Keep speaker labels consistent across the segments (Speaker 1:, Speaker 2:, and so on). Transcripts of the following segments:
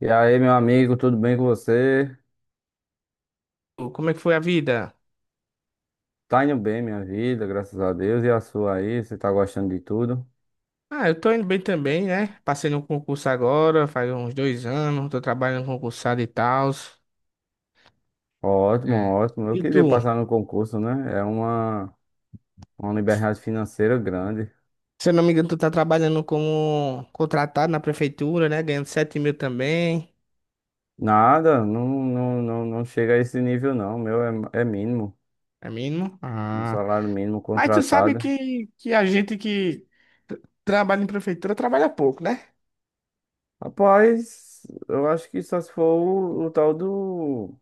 Speaker 1: E aí, meu amigo, tudo bem com você?
Speaker 2: Como é que foi a vida?
Speaker 1: Tá indo bem, minha vida, graças a Deus. E a sua aí? Você tá gostando de tudo?
Speaker 2: Ah, eu tô indo bem também, né? Passei no concurso agora, faz uns 2 anos, tô trabalhando concursado e tal.
Speaker 1: Ótimo, ótimo. Eu
Speaker 2: E
Speaker 1: queria
Speaker 2: tu?
Speaker 1: passar no concurso, né? Uma liberdade financeira grande.
Speaker 2: Se eu não me engano, tu tá trabalhando como contratado na prefeitura, né? Ganhando 7 mil também,
Speaker 1: Nada, não chega a esse nível, não. O meu é mínimo,
Speaker 2: é mínimo.
Speaker 1: um
Speaker 2: Ah.
Speaker 1: salário mínimo
Speaker 2: Mas tu sabe
Speaker 1: contratado.
Speaker 2: que, que a gente que trabalha em prefeitura trabalha pouco, né?
Speaker 1: Rapaz, eu acho que só se for o tal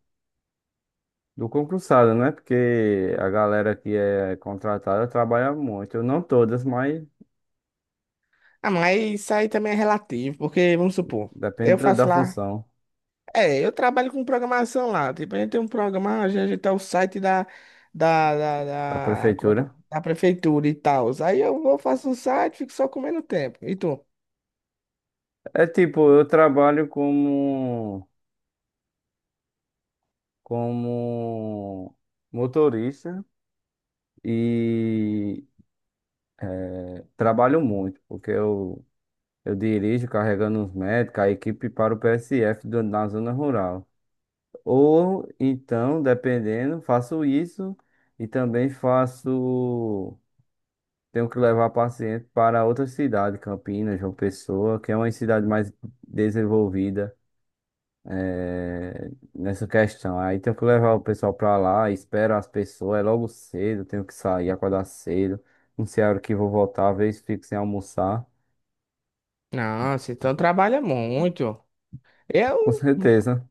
Speaker 1: do concursado, né? Porque a galera que é contratada trabalha muito. Não todas, mas.
Speaker 2: Ah, mas isso aí também é relativo, porque, vamos supor,
Speaker 1: Depende
Speaker 2: eu
Speaker 1: da
Speaker 2: faço lá.
Speaker 1: função
Speaker 2: É, eu trabalho com programação lá. Tipo, a gente tem um programa, a gente tem o site da, da,
Speaker 1: da
Speaker 2: da como é que, é?
Speaker 1: prefeitura.
Speaker 2: Da prefeitura e tal. Aí eu vou, faço um site, fico só comendo tempo. E tu?
Speaker 1: É tipo, eu trabalho como motorista e é, trabalho muito, eu dirijo carregando os médicos, a equipe para o PSF do- na zona rural. Ou então, dependendo, faço isso e também faço. Tenho que levar paciente para outra cidade, Campinas, João Pessoa, que é uma cidade mais desenvolvida nessa questão. Aí tenho que levar o pessoal pra lá, espero as pessoas, é logo cedo, tenho que sair, acordar cedo. Não sei a hora que vou voltar, às vezes fico sem almoçar.
Speaker 2: Nossa, então trabalha muito. Eu,
Speaker 1: Com certeza.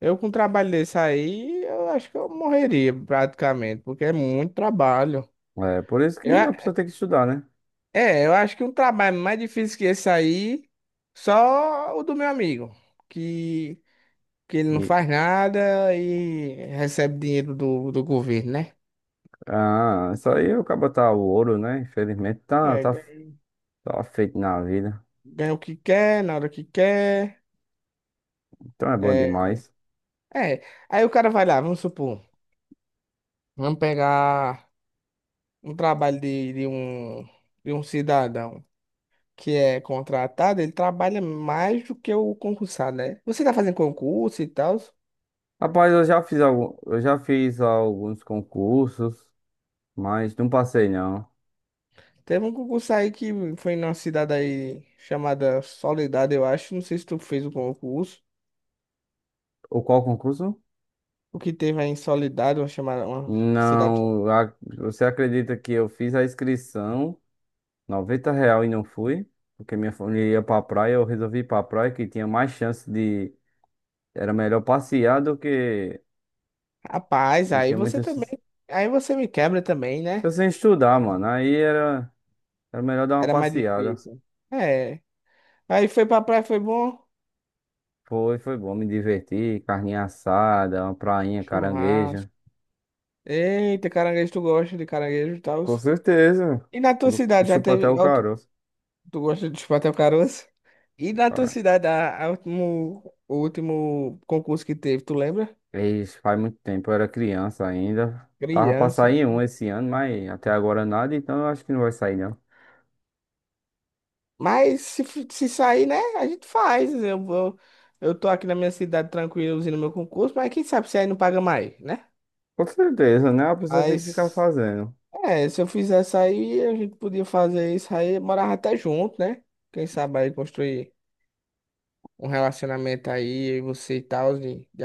Speaker 2: eu com um trabalho desse aí, eu acho que eu morreria praticamente, porque é muito trabalho.
Speaker 1: É por isso que
Speaker 2: Eu a-
Speaker 1: a pessoa tem que estudar, né?
Speaker 2: é, eu acho que um trabalho mais difícil que esse aí, só o do meu amigo, que que ele não
Speaker 1: E,
Speaker 2: faz nada e recebe dinheiro do governo, né?
Speaker 1: ah, isso aí o cabo tá o ouro, né? Infelizmente
Speaker 2: É, ganha,
Speaker 1: tá feito na vida.
Speaker 2: ganha o que quer, na hora que quer.
Speaker 1: Então é bom
Speaker 2: É,
Speaker 1: demais.
Speaker 2: é. Aí o cara vai lá, vamos supor, vamos pegar um trabalho de um cidadão que é contratado, ele trabalha mais do que o concursado, né? Você tá fazendo concurso e tal.
Speaker 1: Rapaz, eu já fiz alguns concursos, mas não passei não.
Speaker 2: Teve um concurso aí que foi numa cidade aí chamada Soledade, eu acho. Não sei se tu fez o concurso.
Speaker 1: O qual concurso?
Speaker 2: O que teve aí em Soledade, uma chamada, uma cidade.
Speaker 1: Não, a- você acredita que eu fiz a inscrição, 90 real e não fui? Porque minha família ia pra praia, eu resolvi ir pra praia que tinha mais chance de. Era melhor passear do que.
Speaker 2: Rapaz,
Speaker 1: Não
Speaker 2: aí
Speaker 1: tinha
Speaker 2: você
Speaker 1: muita
Speaker 2: também.
Speaker 1: chance.
Speaker 2: Aí você me quebra também,
Speaker 1: Eu
Speaker 2: né?
Speaker 1: sem estudar, mano. Era melhor dar uma
Speaker 2: Era mais
Speaker 1: passeada.
Speaker 2: difícil. É. Aí foi pra praia, foi bom.
Speaker 1: Foi, foi bom, me divertir, carninha assada, uma prainha, caranguejo.
Speaker 2: Churrasco. Eita, caranguejo, tu gosta de caranguejo e tal.
Speaker 1: Com certeza.
Speaker 2: E na tua cidade já
Speaker 1: Chupa até o
Speaker 2: teve. Ó, tu,
Speaker 1: caroço.
Speaker 2: tu gosta de chupar o caroço? E na tua cidade, o último concurso que teve, tu lembra?
Speaker 1: Isso faz muito tempo, eu era criança ainda. Tava pra
Speaker 2: Criança.
Speaker 1: sair um esse ano, mas até agora nada, então eu acho que não vai sair, não.
Speaker 2: Mas se sair, né? A gente faz. Eu vou. Eu tô aqui na minha cidade tranquilo, usando meu concurso, mas quem sabe se aí não paga mais, né?
Speaker 1: Com certeza, né? A pessoa tem que ficar
Speaker 2: Mas.
Speaker 1: fazendo.
Speaker 2: É, se eu fizesse aí, a gente podia fazer isso aí, morava até junto, né? Quem sabe aí construir um relacionamento aí, eu e você e tal, de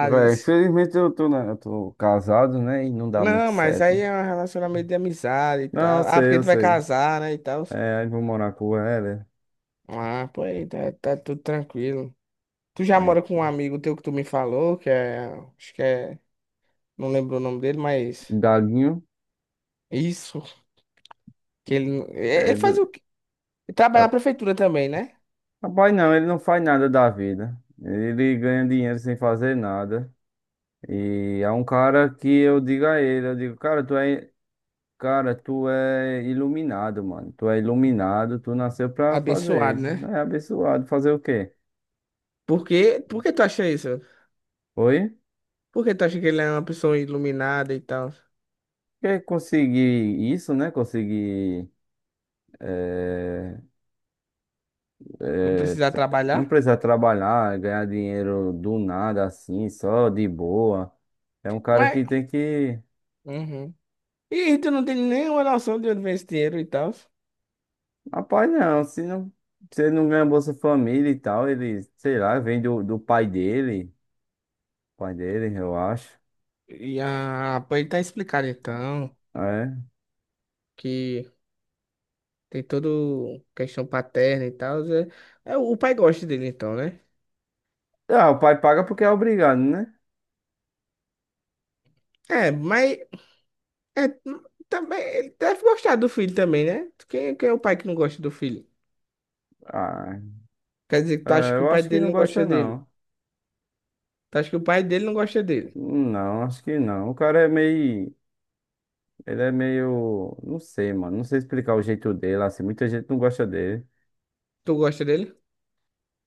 Speaker 1: Véi, infelizmente eu tô casado, né? E não dá muito
Speaker 2: Não, mas
Speaker 1: certo.
Speaker 2: aí é um relacionamento de amizade e
Speaker 1: Não,
Speaker 2: tal. Ah, porque
Speaker 1: eu
Speaker 2: tu vai
Speaker 1: sei.
Speaker 2: casar, né, e tal.
Speaker 1: É, aí vou morar com ela.
Speaker 2: Ah, pô, aí tá, tá tudo tranquilo. Tu já
Speaker 1: Aí,
Speaker 2: mora com um amigo teu que tu me falou, que é, acho que é, não lembro o nome dele, mas
Speaker 1: o Galinho,
Speaker 2: isso, que ele, ele faz
Speaker 1: ele,
Speaker 2: o quê? Ele
Speaker 1: é,
Speaker 2: trabalha na prefeitura também, né?
Speaker 1: rapaz, não, ele não faz nada da vida. Ele ganha dinheiro sem fazer nada. E é um cara que eu digo a ele, eu digo, cara, tu é. Cara, tu é iluminado, mano. Tu é iluminado, tu nasceu pra
Speaker 2: Abençoado,
Speaker 1: fazer isso.
Speaker 2: né?
Speaker 1: É abençoado. Fazer o quê?
Speaker 2: Por quê? Por que tu acha isso?
Speaker 1: Oi?
Speaker 2: Por que tu acha que ele é uma pessoa iluminada e tal?
Speaker 1: Quer conseguir isso, né? Conseguir. eh,
Speaker 2: Não
Speaker 1: eh,
Speaker 2: precisar
Speaker 1: tra- não
Speaker 2: trabalhar?
Speaker 1: precisar trabalhar, ganhar dinheiro do nada assim, só de boa. É um cara que
Speaker 2: Mas.
Speaker 1: tem que.
Speaker 2: Uhum. E tu não tem nenhuma noção de onde vem esse dinheiro e tal.
Speaker 1: Rapaz, não. Se não, se ele não ganha Bolsa Família e tal, ele, sei lá, vem do pai dele. Pai dele, eu acho.
Speaker 2: E a pra ele tá explicado então
Speaker 1: É.
Speaker 2: que tem todo questão paterna e tal. É, é, o pai gosta dele então, né?
Speaker 1: Ah, o pai paga porque é obrigado, né?
Speaker 2: É, mas é, também ele deve gostar do filho também, né? Quem, quem é o pai que não gosta do filho?
Speaker 1: Ah,
Speaker 2: Quer dizer que tu acha
Speaker 1: é,
Speaker 2: que o
Speaker 1: eu
Speaker 2: pai
Speaker 1: acho que
Speaker 2: dele
Speaker 1: não
Speaker 2: não
Speaker 1: gosta,
Speaker 2: gosta dele?
Speaker 1: não.
Speaker 2: Tu acha que o pai dele não gosta dele?
Speaker 1: Não, acho que não. O cara é meio. Ele é meio. Não sei, mano. Não sei explicar o jeito dele, assim. Muita gente não gosta dele.
Speaker 2: Tu gosta dele?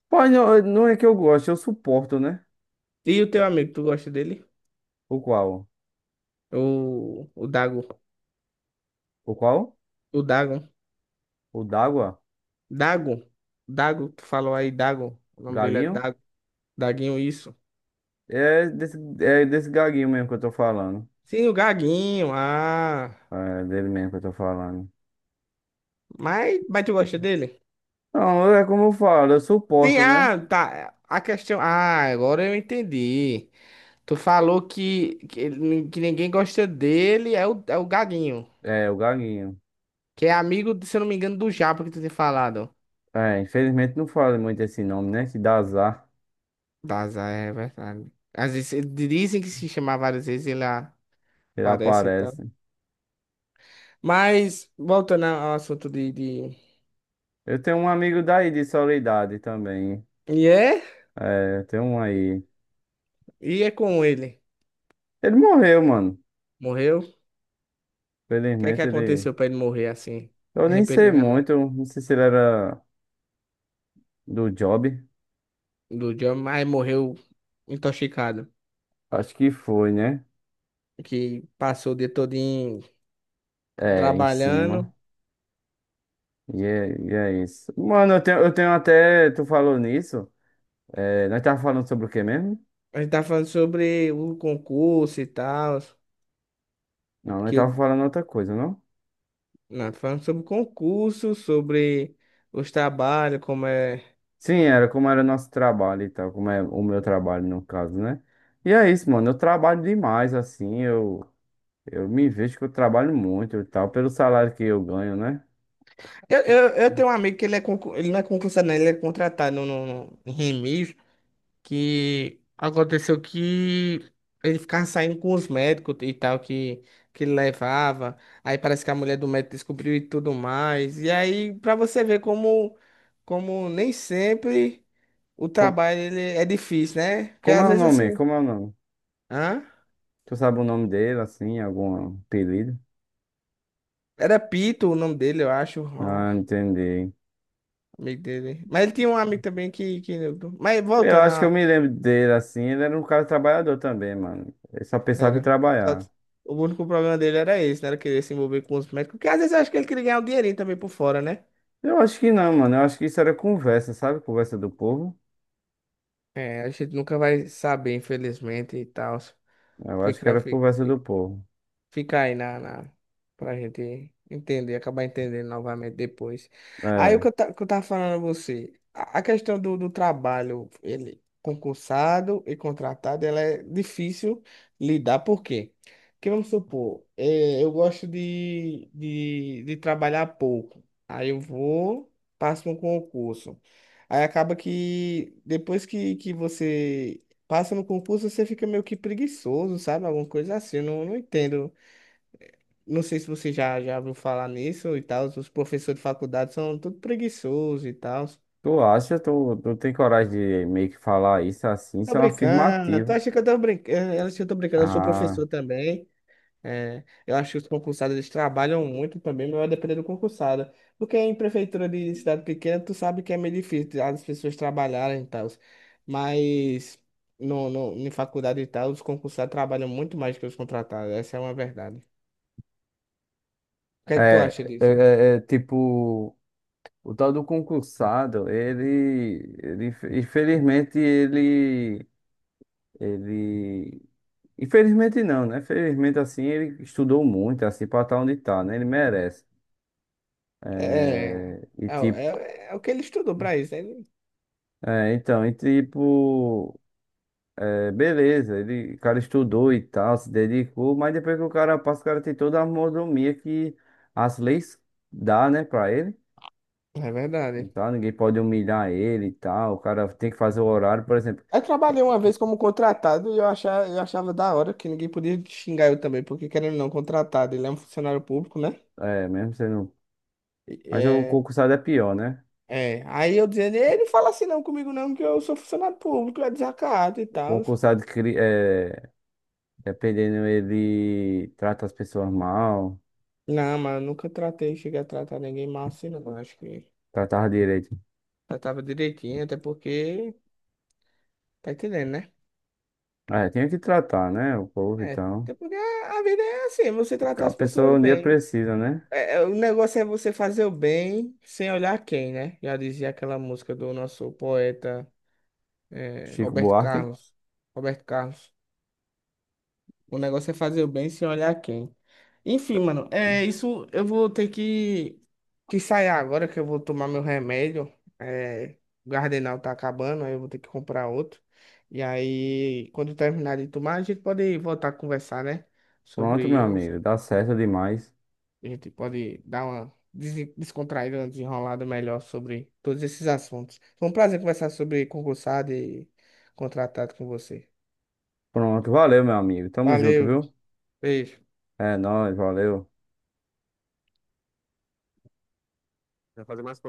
Speaker 1: Pô, não, eu suporto, né?
Speaker 2: E o teu amigo, tu gosta dele?
Speaker 1: O qual?
Speaker 2: O Dago.
Speaker 1: O qual?
Speaker 2: O Dago.
Speaker 1: O d'água?
Speaker 2: Dago. Dago, tu falou aí, Dago. O nome dele é
Speaker 1: Gaguinho?
Speaker 2: Dago. Daguinho, isso.
Speaker 1: É desse gaguinho mesmo que eu tô falando.
Speaker 2: Sim, o Gaguinho. Ah.
Speaker 1: É dele mesmo que eu tô falando.
Speaker 2: Mas tu gosta dele?
Speaker 1: Não, é como eu falo, eu
Speaker 2: Sim,
Speaker 1: suporto, né?
Speaker 2: ah, tá. A questão. Ah, agora eu entendi. Tu falou que ninguém gosta dele, é o Gaguinho.
Speaker 1: É, o gaguinho.
Speaker 2: Que é amigo, se eu não me engano, do Japa que tu tem falado.
Speaker 1: É, infelizmente não falo muito esse nome, né? Que dá azar,
Speaker 2: Daza, é verdade. Às vezes dizem que se chamar várias vezes ele
Speaker 1: ele
Speaker 2: aparece. Então.
Speaker 1: aparece.
Speaker 2: Mas, voltando ao assunto de...
Speaker 1: Eu tenho um amigo daí de Soledade também.
Speaker 2: E é?
Speaker 1: É, tem um aí.
Speaker 2: E é com ele.
Speaker 1: Ele morreu, mano.
Speaker 2: Morreu? O que é que
Speaker 1: Felizmente ele.
Speaker 2: aconteceu pra ele morrer assim,
Speaker 1: Eu nem sei
Speaker 2: repentinamente?
Speaker 1: muito. Não sei se ele era do Job.
Speaker 2: Do John, mas morreu intoxicado.
Speaker 1: Acho que foi, né?
Speaker 2: Que passou o dia todinho
Speaker 1: É, em
Speaker 2: trabalhando.
Speaker 1: cima. E é isso. Mano, eu tenho até. Tu falou nisso. É, nós tava falando sobre o quê mesmo?
Speaker 2: A gente tá falando sobre o concurso e tal.
Speaker 1: Não, nós
Speaker 2: Que
Speaker 1: tava
Speaker 2: eu...
Speaker 1: falando outra coisa, não?
Speaker 2: Não, tá falando sobre o concurso, sobre os trabalhos, como é.
Speaker 1: Sim, era como era nosso trabalho e tal. Como é o meu trabalho, no caso, né? E é isso, mano. Eu trabalho demais, assim. Eu. Eu me vejo que eu trabalho muito e tal, pelo salário que eu ganho, né?
Speaker 2: Eu tenho um amigo que ele é ele não é concursado, não, ele é contratado no em que aconteceu que ele ficava saindo com os médicos e tal que ele levava. Aí parece que a mulher do médico descobriu e tudo mais. E aí, pra você ver como, como nem sempre o
Speaker 1: Com-
Speaker 2: trabalho ele é difícil, né? Porque às
Speaker 1: É o
Speaker 2: vezes
Speaker 1: nome?
Speaker 2: assim.
Speaker 1: Como é o nome?
Speaker 2: Hã?
Speaker 1: Tu sabe o nome dele, assim, algum apelido?
Speaker 2: Era Pito o nome dele, eu acho. Ó,
Speaker 1: Ah, entendi.
Speaker 2: amigo dele. Mas ele tinha um amigo também que... Mas
Speaker 1: Eu
Speaker 2: voltando
Speaker 1: acho que eu
Speaker 2: a.
Speaker 1: me lembro dele, assim, ele era um cara trabalhador também, mano. Ele só pensava em
Speaker 2: Era. Só-
Speaker 1: trabalhar.
Speaker 2: o único problema dele era esse, né? Era querer se envolver com os médicos. Porque às vezes eu acho que ele queria ganhar um dinheirinho também por fora, né?
Speaker 1: Eu acho que não, mano. Eu acho que isso era conversa, sabe? Conversa do povo.
Speaker 2: É, a gente nunca vai saber, infelizmente, e tal.
Speaker 1: Eu acho que
Speaker 2: Fica,
Speaker 1: era
Speaker 2: fica-
Speaker 1: conversa do povo.
Speaker 2: Fica aí pra gente entender, acabar entendendo novamente depois. Aí o que
Speaker 1: É.
Speaker 2: eu, ta, que eu tava falando a você, a questão do trabalho, ele concursado e contratado, ela é difícil lidar, por quê? Porque vamos supor, eu gosto de trabalhar pouco. Aí eu vou, passo um concurso. Aí acaba que depois que você passa no concurso, você fica meio que preguiçoso, sabe? Alguma coisa assim, eu não entendo. Não sei se você já ouviu falar nisso e tal. Os professores de faculdade são tudo preguiçosos e tal.
Speaker 1: Tu acha? Tu tem coragem de meio que falar isso assim?
Speaker 2: Tá
Speaker 1: Isso é uma
Speaker 2: brincando. Tu
Speaker 1: afirmativa.
Speaker 2: acha que eu tô brincando? Ela acha que eu tô brincando. Eu sou
Speaker 1: Ah,
Speaker 2: professor também. É, eu acho que os concursados eles trabalham muito também, mas vai depender do concursado. Porque em prefeitura de cidade pequena, tu sabe que é meio difícil as pessoas trabalharem e tal. Mas no, no, em faculdade e tal, os concursados trabalham muito mais que os contratados. Essa é uma verdade. O que é que tu acha disso?
Speaker 1: é, tipo. O tal do concursado, ele, infelizmente, ele, infelizmente não, né? Felizmente, assim, ele estudou muito, assim, pra estar onde tá, né? Ele merece.
Speaker 2: É,
Speaker 1: É, e
Speaker 2: é, é,
Speaker 1: tipo,
Speaker 2: é o que ele estudou pra isso, ele...
Speaker 1: é, então, e tipo, é, beleza, ele, o cara estudou e tal, se dedicou, mas depois que o cara passa, o cara tem toda a mordomia que as leis dá, né, pra ele.
Speaker 2: É verdade.
Speaker 1: Então, ninguém pode humilhar ele e tal, o cara tem que fazer o horário, por exemplo.
Speaker 2: Eu trabalhei uma vez como contratado e eu achava da hora que ninguém podia xingar eu também, porque querendo ou não, contratado, ele é um funcionário público, né?
Speaker 1: É, mesmo sendo.
Speaker 2: E-
Speaker 1: Mas o
Speaker 2: É,
Speaker 1: concursado é pior, né?
Speaker 2: é. Aí eu dizendo, ele não fala assim não comigo não, que eu sou funcionário público, é desacato e
Speaker 1: O
Speaker 2: tal.
Speaker 1: concursado, cri- é, dependendo, ele trata as pessoas mal,
Speaker 2: Não, mas eu nunca tratei, cheguei a tratar ninguém mal assim não, eu acho que
Speaker 1: tratava direito.
Speaker 2: tratava direitinho, até porque, tá entendendo, né?
Speaker 1: É, tinha que tratar, né? O povo,
Speaker 2: É,
Speaker 1: então.
Speaker 2: até porque a vida é assim, você tratar
Speaker 1: A
Speaker 2: as
Speaker 1: pessoa
Speaker 2: pessoas
Speaker 1: um dia
Speaker 2: bem.
Speaker 1: precisa, né?
Speaker 2: O negócio é você fazer o bem sem olhar quem, né? Já dizia aquela música do nosso poeta,
Speaker 1: Chico
Speaker 2: Roberto
Speaker 1: Buarque.
Speaker 2: Carlos. Roberto Carlos. O negócio é fazer o bem sem olhar quem. Enfim, mano, é isso. Eu vou ter que sair agora que eu vou tomar meu remédio. É, o Gardenal tá acabando, aí eu vou ter que comprar outro. E aí, quando eu terminar de tomar, a gente pode voltar a conversar, né? Sobre
Speaker 1: Pronto, meu amigo.
Speaker 2: isso.
Speaker 1: Dá certo demais.
Speaker 2: A gente pode dar uma descontraída, uma desenrolada melhor sobre todos esses assuntos. Foi um prazer conversar sobre concursado e contratado com você.
Speaker 1: Pronto, valeu, meu amigo. Tamo junto,
Speaker 2: Valeu,
Speaker 1: viu?
Speaker 2: beijo.
Speaker 1: É nóis, valeu.
Speaker 2: Vai fazer mais